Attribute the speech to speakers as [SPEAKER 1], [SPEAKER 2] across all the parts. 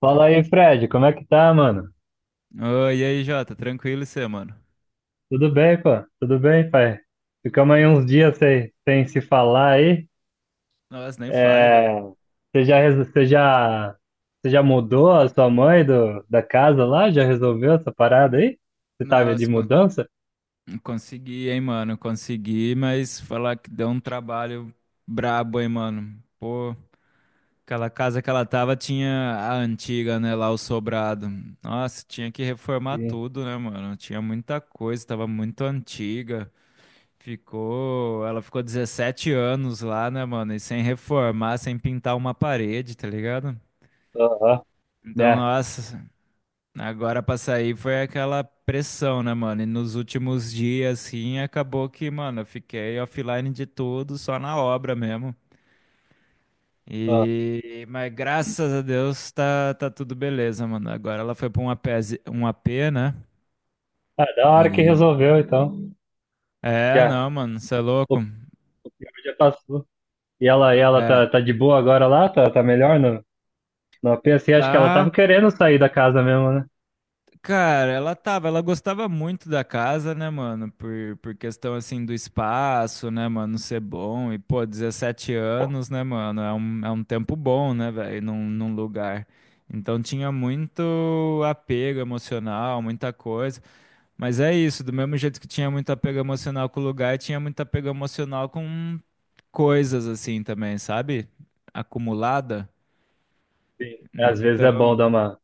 [SPEAKER 1] Fala aí, Fred, como é que tá, mano?
[SPEAKER 2] Oi, e aí, Jota, tranquilo e você, mano?
[SPEAKER 1] Tudo bem, pô? Tudo bem, pai? Ficamos aí uns dias sem se falar aí.
[SPEAKER 2] Nossa, nem fale, velho.
[SPEAKER 1] É, você já, reso- você já mudou a sua mãe da casa lá? Já resolveu essa parada aí? Você tava de
[SPEAKER 2] Nossa,
[SPEAKER 1] mudança?
[SPEAKER 2] consegui, hein, mano? Consegui, mas falar que deu um trabalho brabo, hein, mano? Pô, aquela casa que ela tava tinha a antiga, né, lá o sobrado. Nossa, tinha que reformar
[SPEAKER 1] Sim.
[SPEAKER 2] tudo, né, mano? Tinha muita coisa, tava muito antiga. Ela ficou 17 anos lá, né, mano? E sem reformar, sem pintar uma parede, tá ligado?
[SPEAKER 1] Aham,
[SPEAKER 2] Então,
[SPEAKER 1] né?
[SPEAKER 2] nossa. Agora pra sair foi aquela pressão, né, mano? E nos últimos dias, assim, acabou que, mano, eu fiquei offline de tudo, só na obra mesmo.
[SPEAKER 1] Aham.
[SPEAKER 2] E, mas graças a Deus tá tudo beleza, mano. Agora ela foi pra um AP, um AP, né?
[SPEAKER 1] Ah, da hora que
[SPEAKER 2] E.
[SPEAKER 1] resolveu, então.
[SPEAKER 2] É,
[SPEAKER 1] Já,
[SPEAKER 2] não, mano, você é
[SPEAKER 1] o,
[SPEAKER 2] louco.
[SPEAKER 1] o pior já passou. ela
[SPEAKER 2] É,
[SPEAKER 1] tá de boa agora lá? Tá melhor no AP? Assim, acho que ela
[SPEAKER 2] tá.
[SPEAKER 1] tava querendo sair da casa mesmo, né?
[SPEAKER 2] Cara, ela tava, ela gostava muito da casa, né, mano? Por questão assim do espaço, né, mano, ser bom. E, pô, 17 anos, né, mano? É um tempo bom, né, velho, num lugar. Então tinha muito apego emocional, muita coisa. Mas é isso, do mesmo jeito que tinha muito apego emocional com o lugar, tinha muito apego emocional com coisas assim também, sabe? Acumulada.
[SPEAKER 1] Sim. Às vezes é bom
[SPEAKER 2] Então.
[SPEAKER 1] dar uma,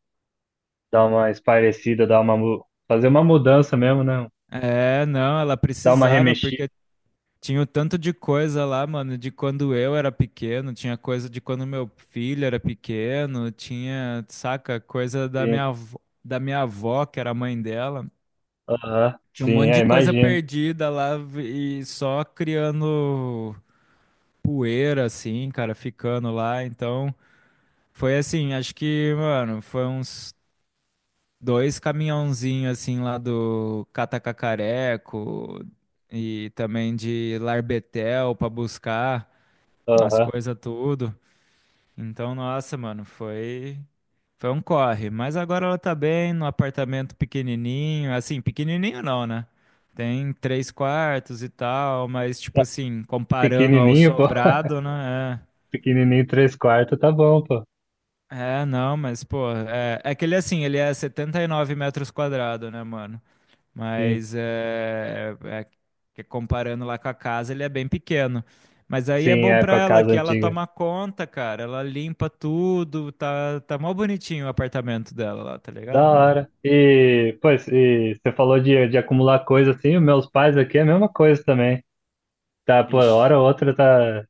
[SPEAKER 1] dar uma espairecida, fazer uma mudança mesmo, né?
[SPEAKER 2] É, não, ela
[SPEAKER 1] Dar uma
[SPEAKER 2] precisava,
[SPEAKER 1] remexida,
[SPEAKER 2] porque tinha o tanto de coisa lá, mano, de quando eu era pequeno, tinha coisa de quando meu filho era pequeno, tinha, saca, coisa
[SPEAKER 1] sim.
[SPEAKER 2] da minha avó, que era a mãe dela.
[SPEAKER 1] Aham,
[SPEAKER 2] Tinha um
[SPEAKER 1] sim,
[SPEAKER 2] monte
[SPEAKER 1] é,
[SPEAKER 2] de coisa
[SPEAKER 1] imagino.
[SPEAKER 2] perdida lá e só criando poeira, assim, cara, ficando lá. Então, foi assim, acho que, mano, foi uns dois caminhãozinhos, assim, lá do Catacacareco e também de Larbetel pra buscar as
[SPEAKER 1] Aham.
[SPEAKER 2] coisas tudo. Então, nossa, mano, foi um corre, mas agora ela tá bem no apartamento pequenininho, assim, pequenininho não, né? Tem três quartos e tal, mas tipo
[SPEAKER 1] É,
[SPEAKER 2] assim, comparando ao
[SPEAKER 1] pequenininho, pô.
[SPEAKER 2] sobrado, né?
[SPEAKER 1] Pequenininho, três quartos, tá bom, pô.
[SPEAKER 2] É não, mas pô, é que ele assim, ele é 79 metros quadrados, né, mano?
[SPEAKER 1] Sim,
[SPEAKER 2] Mas é que comparando lá com a casa, ele é bem pequeno. Mas aí é
[SPEAKER 1] sim,
[SPEAKER 2] bom
[SPEAKER 1] é
[SPEAKER 2] pra
[SPEAKER 1] com a
[SPEAKER 2] ela
[SPEAKER 1] casa
[SPEAKER 2] que ela
[SPEAKER 1] antiga.
[SPEAKER 2] toma conta, cara. Ela limpa tudo, tá mó bonitinho o apartamento dela lá, tá
[SPEAKER 1] Da
[SPEAKER 2] ligado, mano?
[SPEAKER 1] hora. E, pois, e você falou de acumular coisa assim, os meus pais aqui é a mesma coisa também. Tá, pô,
[SPEAKER 2] Ixi.
[SPEAKER 1] hora ou outra tá.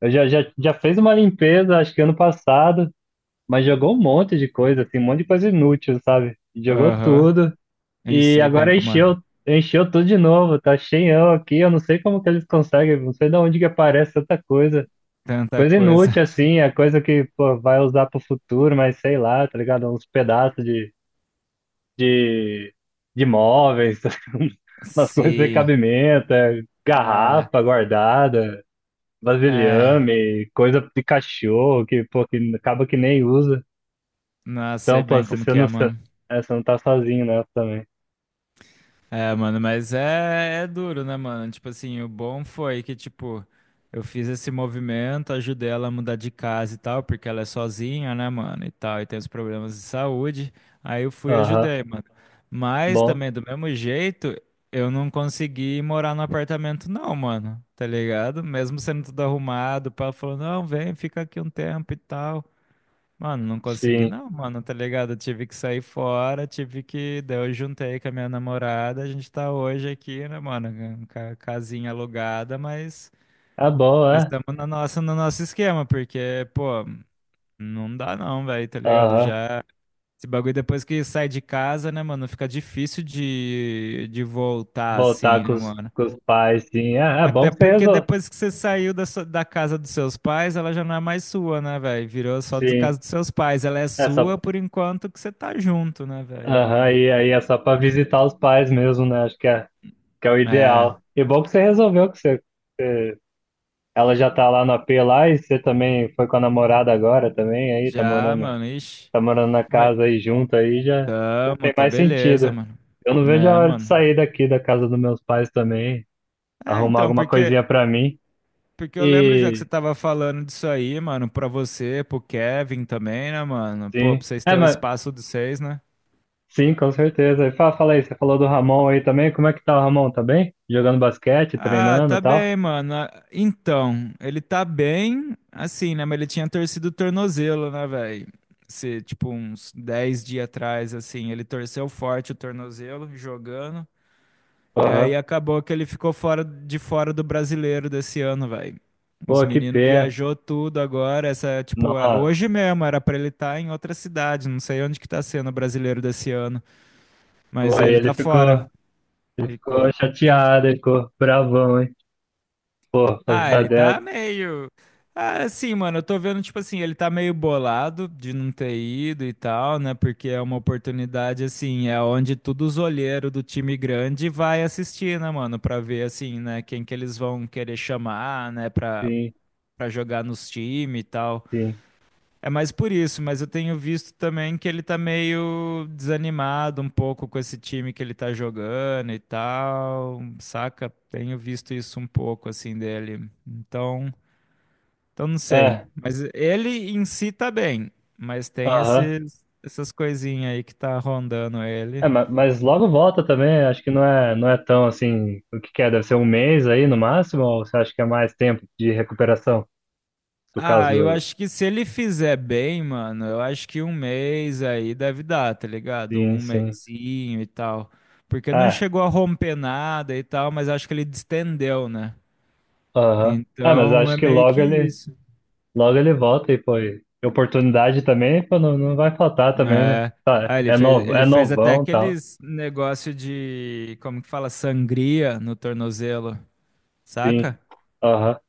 [SPEAKER 1] Eu já fez uma limpeza, acho que ano passado. Mas jogou um monte de coisa, assim, um monte de coisa inútil, sabe? Jogou
[SPEAKER 2] Aham.
[SPEAKER 1] tudo
[SPEAKER 2] Ih,
[SPEAKER 1] e
[SPEAKER 2] sei bem
[SPEAKER 1] agora
[SPEAKER 2] como é.
[SPEAKER 1] encheu, tudo de novo, tá cheião aqui, eu não sei como que eles conseguem, não sei de onde que aparece tanta coisa.
[SPEAKER 2] Tanta
[SPEAKER 1] Coisa inútil,
[SPEAKER 2] coisa.
[SPEAKER 1] assim, é coisa que, pô, vai usar pro futuro, mas sei lá, tá ligado? Uns pedaços de, de móveis, umas coisas de
[SPEAKER 2] Sim.
[SPEAKER 1] cabimento, é,
[SPEAKER 2] Ah,
[SPEAKER 1] garrafa guardada,
[SPEAKER 2] é.
[SPEAKER 1] vasilhame, coisa de cachorro que, pô, que acaba que nem usa.
[SPEAKER 2] Não,
[SPEAKER 1] Então,
[SPEAKER 2] sei
[SPEAKER 1] pô,
[SPEAKER 2] bem
[SPEAKER 1] se
[SPEAKER 2] como
[SPEAKER 1] você
[SPEAKER 2] que é,
[SPEAKER 1] não, se,
[SPEAKER 2] mano.
[SPEAKER 1] é, você não tá sozinho nessa também.
[SPEAKER 2] É, mano, mas é duro, né, mano? Tipo assim, o bom foi que, tipo, eu fiz esse movimento, ajudei ela a mudar de casa e tal, porque ela é sozinha, né, mano, e tal, e tem os problemas de saúde. Aí eu fui e
[SPEAKER 1] Aham,
[SPEAKER 2] ajudei, mano. Mas
[SPEAKER 1] bom,
[SPEAKER 2] também, do mesmo jeito, eu não consegui morar no apartamento, não, mano, tá ligado? Mesmo sendo tudo arrumado, o pai falou, não, vem, fica aqui um tempo e tal. Mano, não consegui
[SPEAKER 1] sim.
[SPEAKER 2] não, mano, tá ligado? Eu tive que sair fora, tive que. Daí eu juntei com a minha namorada, a gente tá hoje aqui, né, mano? Casinha alugada, mas
[SPEAKER 1] É bom,
[SPEAKER 2] mas
[SPEAKER 1] é?
[SPEAKER 2] estamos na nossa, no nosso esquema, porque, pô, não dá não, velho, tá ligado?
[SPEAKER 1] Aham,
[SPEAKER 2] Já. Esse bagulho depois que sai de casa, né, mano? Fica difícil de voltar assim,
[SPEAKER 1] voltar
[SPEAKER 2] né, mano?
[SPEAKER 1] com os pais, sim. É bom
[SPEAKER 2] Até
[SPEAKER 1] que você
[SPEAKER 2] porque
[SPEAKER 1] resolve.
[SPEAKER 2] depois que você saiu da casa dos seus pais, ela já não é mais sua, né, velho? Virou só do
[SPEAKER 1] Sim,
[SPEAKER 2] casa dos seus pais. Ela é
[SPEAKER 1] é só.
[SPEAKER 2] sua por enquanto que você tá junto, né, velho?
[SPEAKER 1] Aham,
[SPEAKER 2] Mas.
[SPEAKER 1] e aí é só pra visitar os pais mesmo, né? Acho que é o
[SPEAKER 2] É.
[SPEAKER 1] ideal. E bom que você resolveu. Você- Ela já tá lá no AP lá e você também foi com a namorada agora também, aí tá
[SPEAKER 2] Já,
[SPEAKER 1] morando.
[SPEAKER 2] mano. Ixi.
[SPEAKER 1] Tá morando na
[SPEAKER 2] Mas.
[SPEAKER 1] casa aí junto aí, já tem
[SPEAKER 2] Tamo, tá
[SPEAKER 1] mais
[SPEAKER 2] beleza,
[SPEAKER 1] sentido.
[SPEAKER 2] mano.
[SPEAKER 1] Eu não vejo a
[SPEAKER 2] É,
[SPEAKER 1] hora de
[SPEAKER 2] mano.
[SPEAKER 1] sair daqui da casa dos meus pais também,
[SPEAKER 2] É,
[SPEAKER 1] arrumar
[SPEAKER 2] então,
[SPEAKER 1] alguma coisinha
[SPEAKER 2] porque.
[SPEAKER 1] pra mim.
[SPEAKER 2] Porque eu lembro já que você
[SPEAKER 1] E
[SPEAKER 2] tava falando disso aí, mano, pra você, pro Kevin também, né, mano? Pô, pra
[SPEAKER 1] sim,
[SPEAKER 2] vocês
[SPEAKER 1] é,
[SPEAKER 2] terem o
[SPEAKER 1] mas
[SPEAKER 2] espaço dos seis, né?
[SPEAKER 1] sim, com certeza. E fala aí, você falou do Ramon aí também. Como é que tá o Ramon? Tá bem? Jogando basquete,
[SPEAKER 2] Ah,
[SPEAKER 1] treinando e
[SPEAKER 2] tá
[SPEAKER 1] tal?
[SPEAKER 2] bem, mano. Ah, então, ele tá bem, assim, né? Mas ele tinha torcido o tornozelo, né, velho? Se, tipo, uns 10 dias atrás, assim, ele torceu forte o tornozelo jogando. E aí
[SPEAKER 1] Aham.
[SPEAKER 2] acabou que ele ficou fora do brasileiro desse ano, velho. Os
[SPEAKER 1] Pô, que
[SPEAKER 2] meninos
[SPEAKER 1] pena.
[SPEAKER 2] viajou tudo agora. Essa, tipo, hoje
[SPEAKER 1] Nossa.
[SPEAKER 2] mesmo era pra ele estar em outra cidade. Não sei onde que tá sendo o brasileiro desse ano,
[SPEAKER 1] Pô,
[SPEAKER 2] mas
[SPEAKER 1] aí
[SPEAKER 2] ele
[SPEAKER 1] ele
[SPEAKER 2] tá fora.
[SPEAKER 1] ficou, ele ficou
[SPEAKER 2] Ficou.
[SPEAKER 1] chateado, ele ficou bravão, hein? Pô, fazer
[SPEAKER 2] Ah,
[SPEAKER 1] da
[SPEAKER 2] ele tá
[SPEAKER 1] dessa,
[SPEAKER 2] meio. Ah, sim, mano, eu tô vendo, tipo assim, ele tá meio bolado de não ter ido e tal, né? Porque é uma oportunidade, assim, é onde todos os olheiros do time grande vai assistir, né, mano? Pra ver, assim, né, quem que eles vão querer chamar, né, pra,
[SPEAKER 1] sim,
[SPEAKER 2] pra jogar nos times e tal.
[SPEAKER 1] sim.
[SPEAKER 2] É mais por isso, mas eu tenho visto também que ele tá meio desanimado um pouco com esse time que ele tá jogando e tal, saca? Tenho visto isso um pouco, assim, dele. Então. Então não sei.
[SPEAKER 1] É,
[SPEAKER 2] Mas ele em si tá bem. Mas tem
[SPEAKER 1] aham.
[SPEAKER 2] esses, essas coisinhas aí que tá rondando ele.
[SPEAKER 1] É, mas logo volta também, acho que não é tão assim, o que que é, deve ser um mês aí no máximo, ou você acha que é mais tempo de recuperação, no caso
[SPEAKER 2] Ah, eu
[SPEAKER 1] do...
[SPEAKER 2] acho que se ele fizer bem, mano, eu acho que um mês aí deve dar, tá ligado?
[SPEAKER 1] Sim,
[SPEAKER 2] Um
[SPEAKER 1] sim.
[SPEAKER 2] mesinho e tal. Porque não
[SPEAKER 1] É,
[SPEAKER 2] chegou a romper nada e tal, mas acho que ele distendeu, né?
[SPEAKER 1] aham. É, mas
[SPEAKER 2] Então
[SPEAKER 1] acho
[SPEAKER 2] é
[SPEAKER 1] que
[SPEAKER 2] meio
[SPEAKER 1] logo
[SPEAKER 2] que
[SPEAKER 1] ele,
[SPEAKER 2] isso.
[SPEAKER 1] logo ele volta e, pô, e oportunidade também, pô, não, não vai faltar também, né?
[SPEAKER 2] É.
[SPEAKER 1] Tá,
[SPEAKER 2] Ah, ele
[SPEAKER 1] é
[SPEAKER 2] fez,
[SPEAKER 1] novo, é
[SPEAKER 2] ele fez até
[SPEAKER 1] novão e tal,
[SPEAKER 2] aqueles negócio de, como que fala, sangria no tornozelo, saca?
[SPEAKER 1] sim, aham,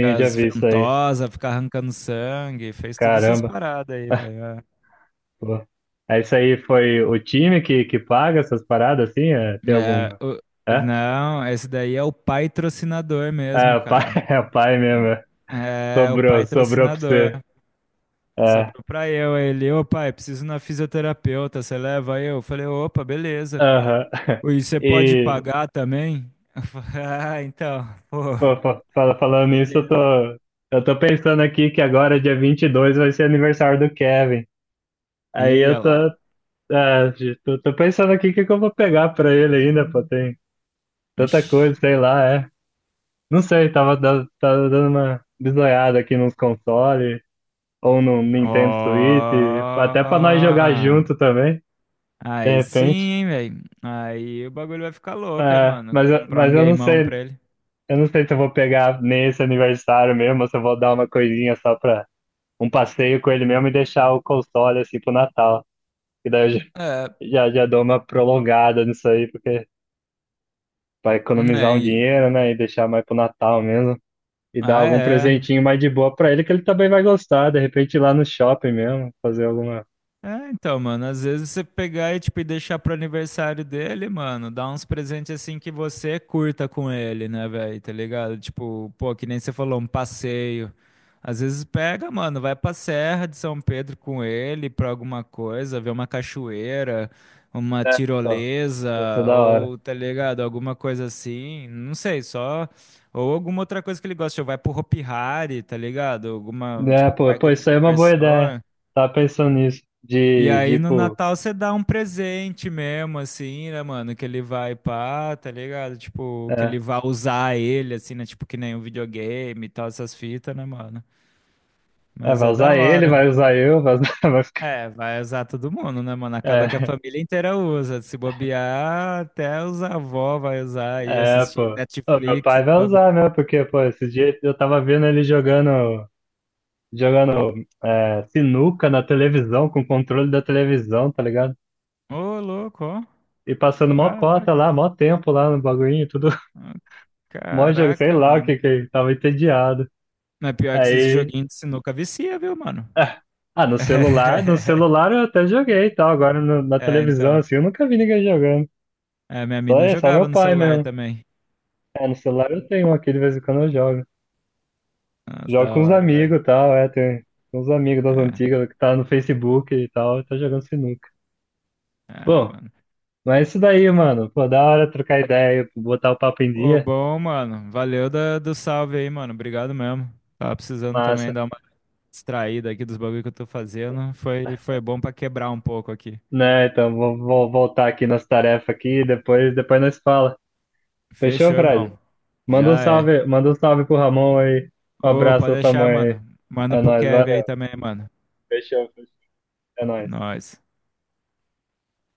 [SPEAKER 2] Com
[SPEAKER 1] eu já
[SPEAKER 2] as
[SPEAKER 1] vi isso aí,
[SPEAKER 2] ventosas, ficar arrancando sangue, fez todas essas
[SPEAKER 1] caramba,
[SPEAKER 2] paradas aí, velho.
[SPEAKER 1] pô. É isso aí, foi o time que paga essas paradas, assim, é, tem
[SPEAKER 2] É, É,
[SPEAKER 1] alguma...
[SPEAKER 2] o-
[SPEAKER 1] É?
[SPEAKER 2] não, esse daí é o patrocinador
[SPEAKER 1] É,
[SPEAKER 2] mesmo,
[SPEAKER 1] o pai,
[SPEAKER 2] cara.
[SPEAKER 1] é o pai mesmo. É.
[SPEAKER 2] É, o
[SPEAKER 1] Sobrou, sobrou pra
[SPEAKER 2] patrocinador.
[SPEAKER 1] você. É,
[SPEAKER 2] Sobrou pra eu, aí ele, ô pai, preciso ir na fisioterapeuta, você leva eu? Eu falei, opa, beleza.
[SPEAKER 1] aham.
[SPEAKER 2] E você pode
[SPEAKER 1] E,
[SPEAKER 2] pagar também? Eu falei, ah, então, pô,
[SPEAKER 1] pô, falando nisso, eu tô,
[SPEAKER 2] beleza.
[SPEAKER 1] eu tô pensando aqui que agora, dia 22 vai ser aniversário do Kevin. Aí
[SPEAKER 2] Ia
[SPEAKER 1] eu tô,
[SPEAKER 2] lá.
[SPEAKER 1] é, tô, tô pensando aqui o que que eu vou pegar pra ele ainda, pô. Tem tanta
[SPEAKER 2] Ixi.
[SPEAKER 1] coisa, sei lá, é. Não sei, tava dando uma bisoiada aqui nos consoles, ou no Nintendo Switch,
[SPEAKER 2] Ó.
[SPEAKER 1] até pra nós jogar junto também, de
[SPEAKER 2] Aí sim,
[SPEAKER 1] repente.
[SPEAKER 2] hein, velho. Aí o bagulho vai ficar louco, hein,
[SPEAKER 1] É,
[SPEAKER 2] mano.
[SPEAKER 1] mas, eu-
[SPEAKER 2] Comprar
[SPEAKER 1] mas
[SPEAKER 2] um
[SPEAKER 1] eu não
[SPEAKER 2] gameão
[SPEAKER 1] sei,
[SPEAKER 2] pra ele.
[SPEAKER 1] eu não sei se eu vou pegar nesse aniversário mesmo, ou se eu vou dar uma coisinha só pra um passeio com ele mesmo e deixar o console assim pro Natal. E daí eu já,
[SPEAKER 2] É,
[SPEAKER 1] já, já dou uma prolongada nisso aí, porque pra
[SPEAKER 2] né?
[SPEAKER 1] economizar um
[SPEAKER 2] Aí.
[SPEAKER 1] dinheiro, né? E deixar mais pro Natal mesmo. E dar
[SPEAKER 2] Ah,
[SPEAKER 1] algum
[SPEAKER 2] é.
[SPEAKER 1] presentinho mais de boa pra ele, que ele também vai gostar, de repente ir lá no shopping mesmo, fazer alguma.
[SPEAKER 2] É, então, mano, às vezes você pegar e, tipo, e deixar pro aniversário dele, mano, dar uns presentes assim que você curta com ele, né, velho, tá ligado? Tipo, pô, que nem você falou, um passeio. Às vezes pega, mano, vai pra Serra de São Pedro com ele pra alguma coisa, ver uma cachoeira, uma
[SPEAKER 1] É. Então,
[SPEAKER 2] tirolesa,
[SPEAKER 1] ia ser da hora.
[SPEAKER 2] ou, tá ligado, alguma coisa assim, não sei, só... Ou alguma outra coisa que ele gosta, tipo, vai pro Hopi Hari, tá ligado? Alguma,
[SPEAKER 1] É,
[SPEAKER 2] tipo,
[SPEAKER 1] pô, pô,
[SPEAKER 2] parque de
[SPEAKER 1] isso aí é uma boa ideia.
[SPEAKER 2] diversões.
[SPEAKER 1] Tava pensando nisso,
[SPEAKER 2] E aí no
[SPEAKER 1] tipo.
[SPEAKER 2] Natal você dá um presente mesmo, assim, né, mano? Que ele vai pá, tá ligado? Tipo, que
[SPEAKER 1] É,
[SPEAKER 2] ele vai usar ele, assim, né? Tipo, que nem um videogame e tal, essas fitas, né, mano?
[SPEAKER 1] é,
[SPEAKER 2] Mas
[SPEAKER 1] vai
[SPEAKER 2] é da
[SPEAKER 1] usar ele,
[SPEAKER 2] hora.
[SPEAKER 1] vai usar eu, vai ficar.
[SPEAKER 2] É, vai usar todo mundo, né, mano? Acaba que a
[SPEAKER 1] É,
[SPEAKER 2] família inteira usa. Se bobear, até os avós vai usar aí,
[SPEAKER 1] é,
[SPEAKER 2] assistir
[SPEAKER 1] pô. Ô, meu
[SPEAKER 2] Netflix,
[SPEAKER 1] pai
[SPEAKER 2] os
[SPEAKER 1] vai
[SPEAKER 2] bagulho.
[SPEAKER 1] usar, né? Porque, pô, esse dia eu tava vendo ele jogando sinuca na televisão, com o controle da televisão, tá ligado?
[SPEAKER 2] Ô, louco, ó.
[SPEAKER 1] E passando mó
[SPEAKER 2] Caraca.
[SPEAKER 1] cota lá, mó tempo lá no bagulhinho, tudo.
[SPEAKER 2] Ó,
[SPEAKER 1] Mó jogo, sei
[SPEAKER 2] caraca,
[SPEAKER 1] lá o que
[SPEAKER 2] mano.
[SPEAKER 1] que, ele tava entediado.
[SPEAKER 2] Mas pior que esses
[SPEAKER 1] Aí.
[SPEAKER 2] joguinhos de sinuca vicia, viu, mano?
[SPEAKER 1] Ah, ah, no celular, no celular eu até joguei e tal. Agora na
[SPEAKER 2] É,
[SPEAKER 1] televisão,
[SPEAKER 2] então.
[SPEAKER 1] assim, eu nunca vi ninguém jogando.
[SPEAKER 2] É, minha
[SPEAKER 1] Só,
[SPEAKER 2] mina
[SPEAKER 1] é, só
[SPEAKER 2] jogava
[SPEAKER 1] meu
[SPEAKER 2] no
[SPEAKER 1] pai
[SPEAKER 2] celular
[SPEAKER 1] mesmo.
[SPEAKER 2] também.
[SPEAKER 1] É, no celular eu tenho um aqui, de vez em quando eu jogo.
[SPEAKER 2] Nossa, da
[SPEAKER 1] Jogo com os
[SPEAKER 2] hora, velho.
[SPEAKER 1] amigos e tal, é, tem uns amigos das
[SPEAKER 2] É,
[SPEAKER 1] antigas que tá no Facebook e tal, tá jogando sinuca. Bom,
[SPEAKER 2] mano.
[SPEAKER 1] mas é isso daí, mano. Pô, da hora trocar ideia, botar o papo em
[SPEAKER 2] Ô,
[SPEAKER 1] dia,
[SPEAKER 2] bom, mano. Valeu do salve aí, mano. Obrigado mesmo. Tava precisando também
[SPEAKER 1] massa.
[SPEAKER 2] dar uma distraída aqui dos bagulho que eu tô fazendo. Foi bom pra quebrar um pouco aqui.
[SPEAKER 1] Né, então vou voltar aqui nas tarefas aqui, depois nós fala. Fechou,
[SPEAKER 2] Fechou,
[SPEAKER 1] Fred?
[SPEAKER 2] irmão. Já é.
[SPEAKER 1] Manda um salve pro Ramon aí. Um
[SPEAKER 2] Ô,
[SPEAKER 1] abraço
[SPEAKER 2] pode
[SPEAKER 1] à sua
[SPEAKER 2] deixar,
[SPEAKER 1] mãe aí.
[SPEAKER 2] mano. Manda
[SPEAKER 1] É
[SPEAKER 2] pro
[SPEAKER 1] nóis,
[SPEAKER 2] Kevin aí
[SPEAKER 1] valeu.
[SPEAKER 2] também, mano.
[SPEAKER 1] Fechou, fechou. É nóis.
[SPEAKER 2] Nós.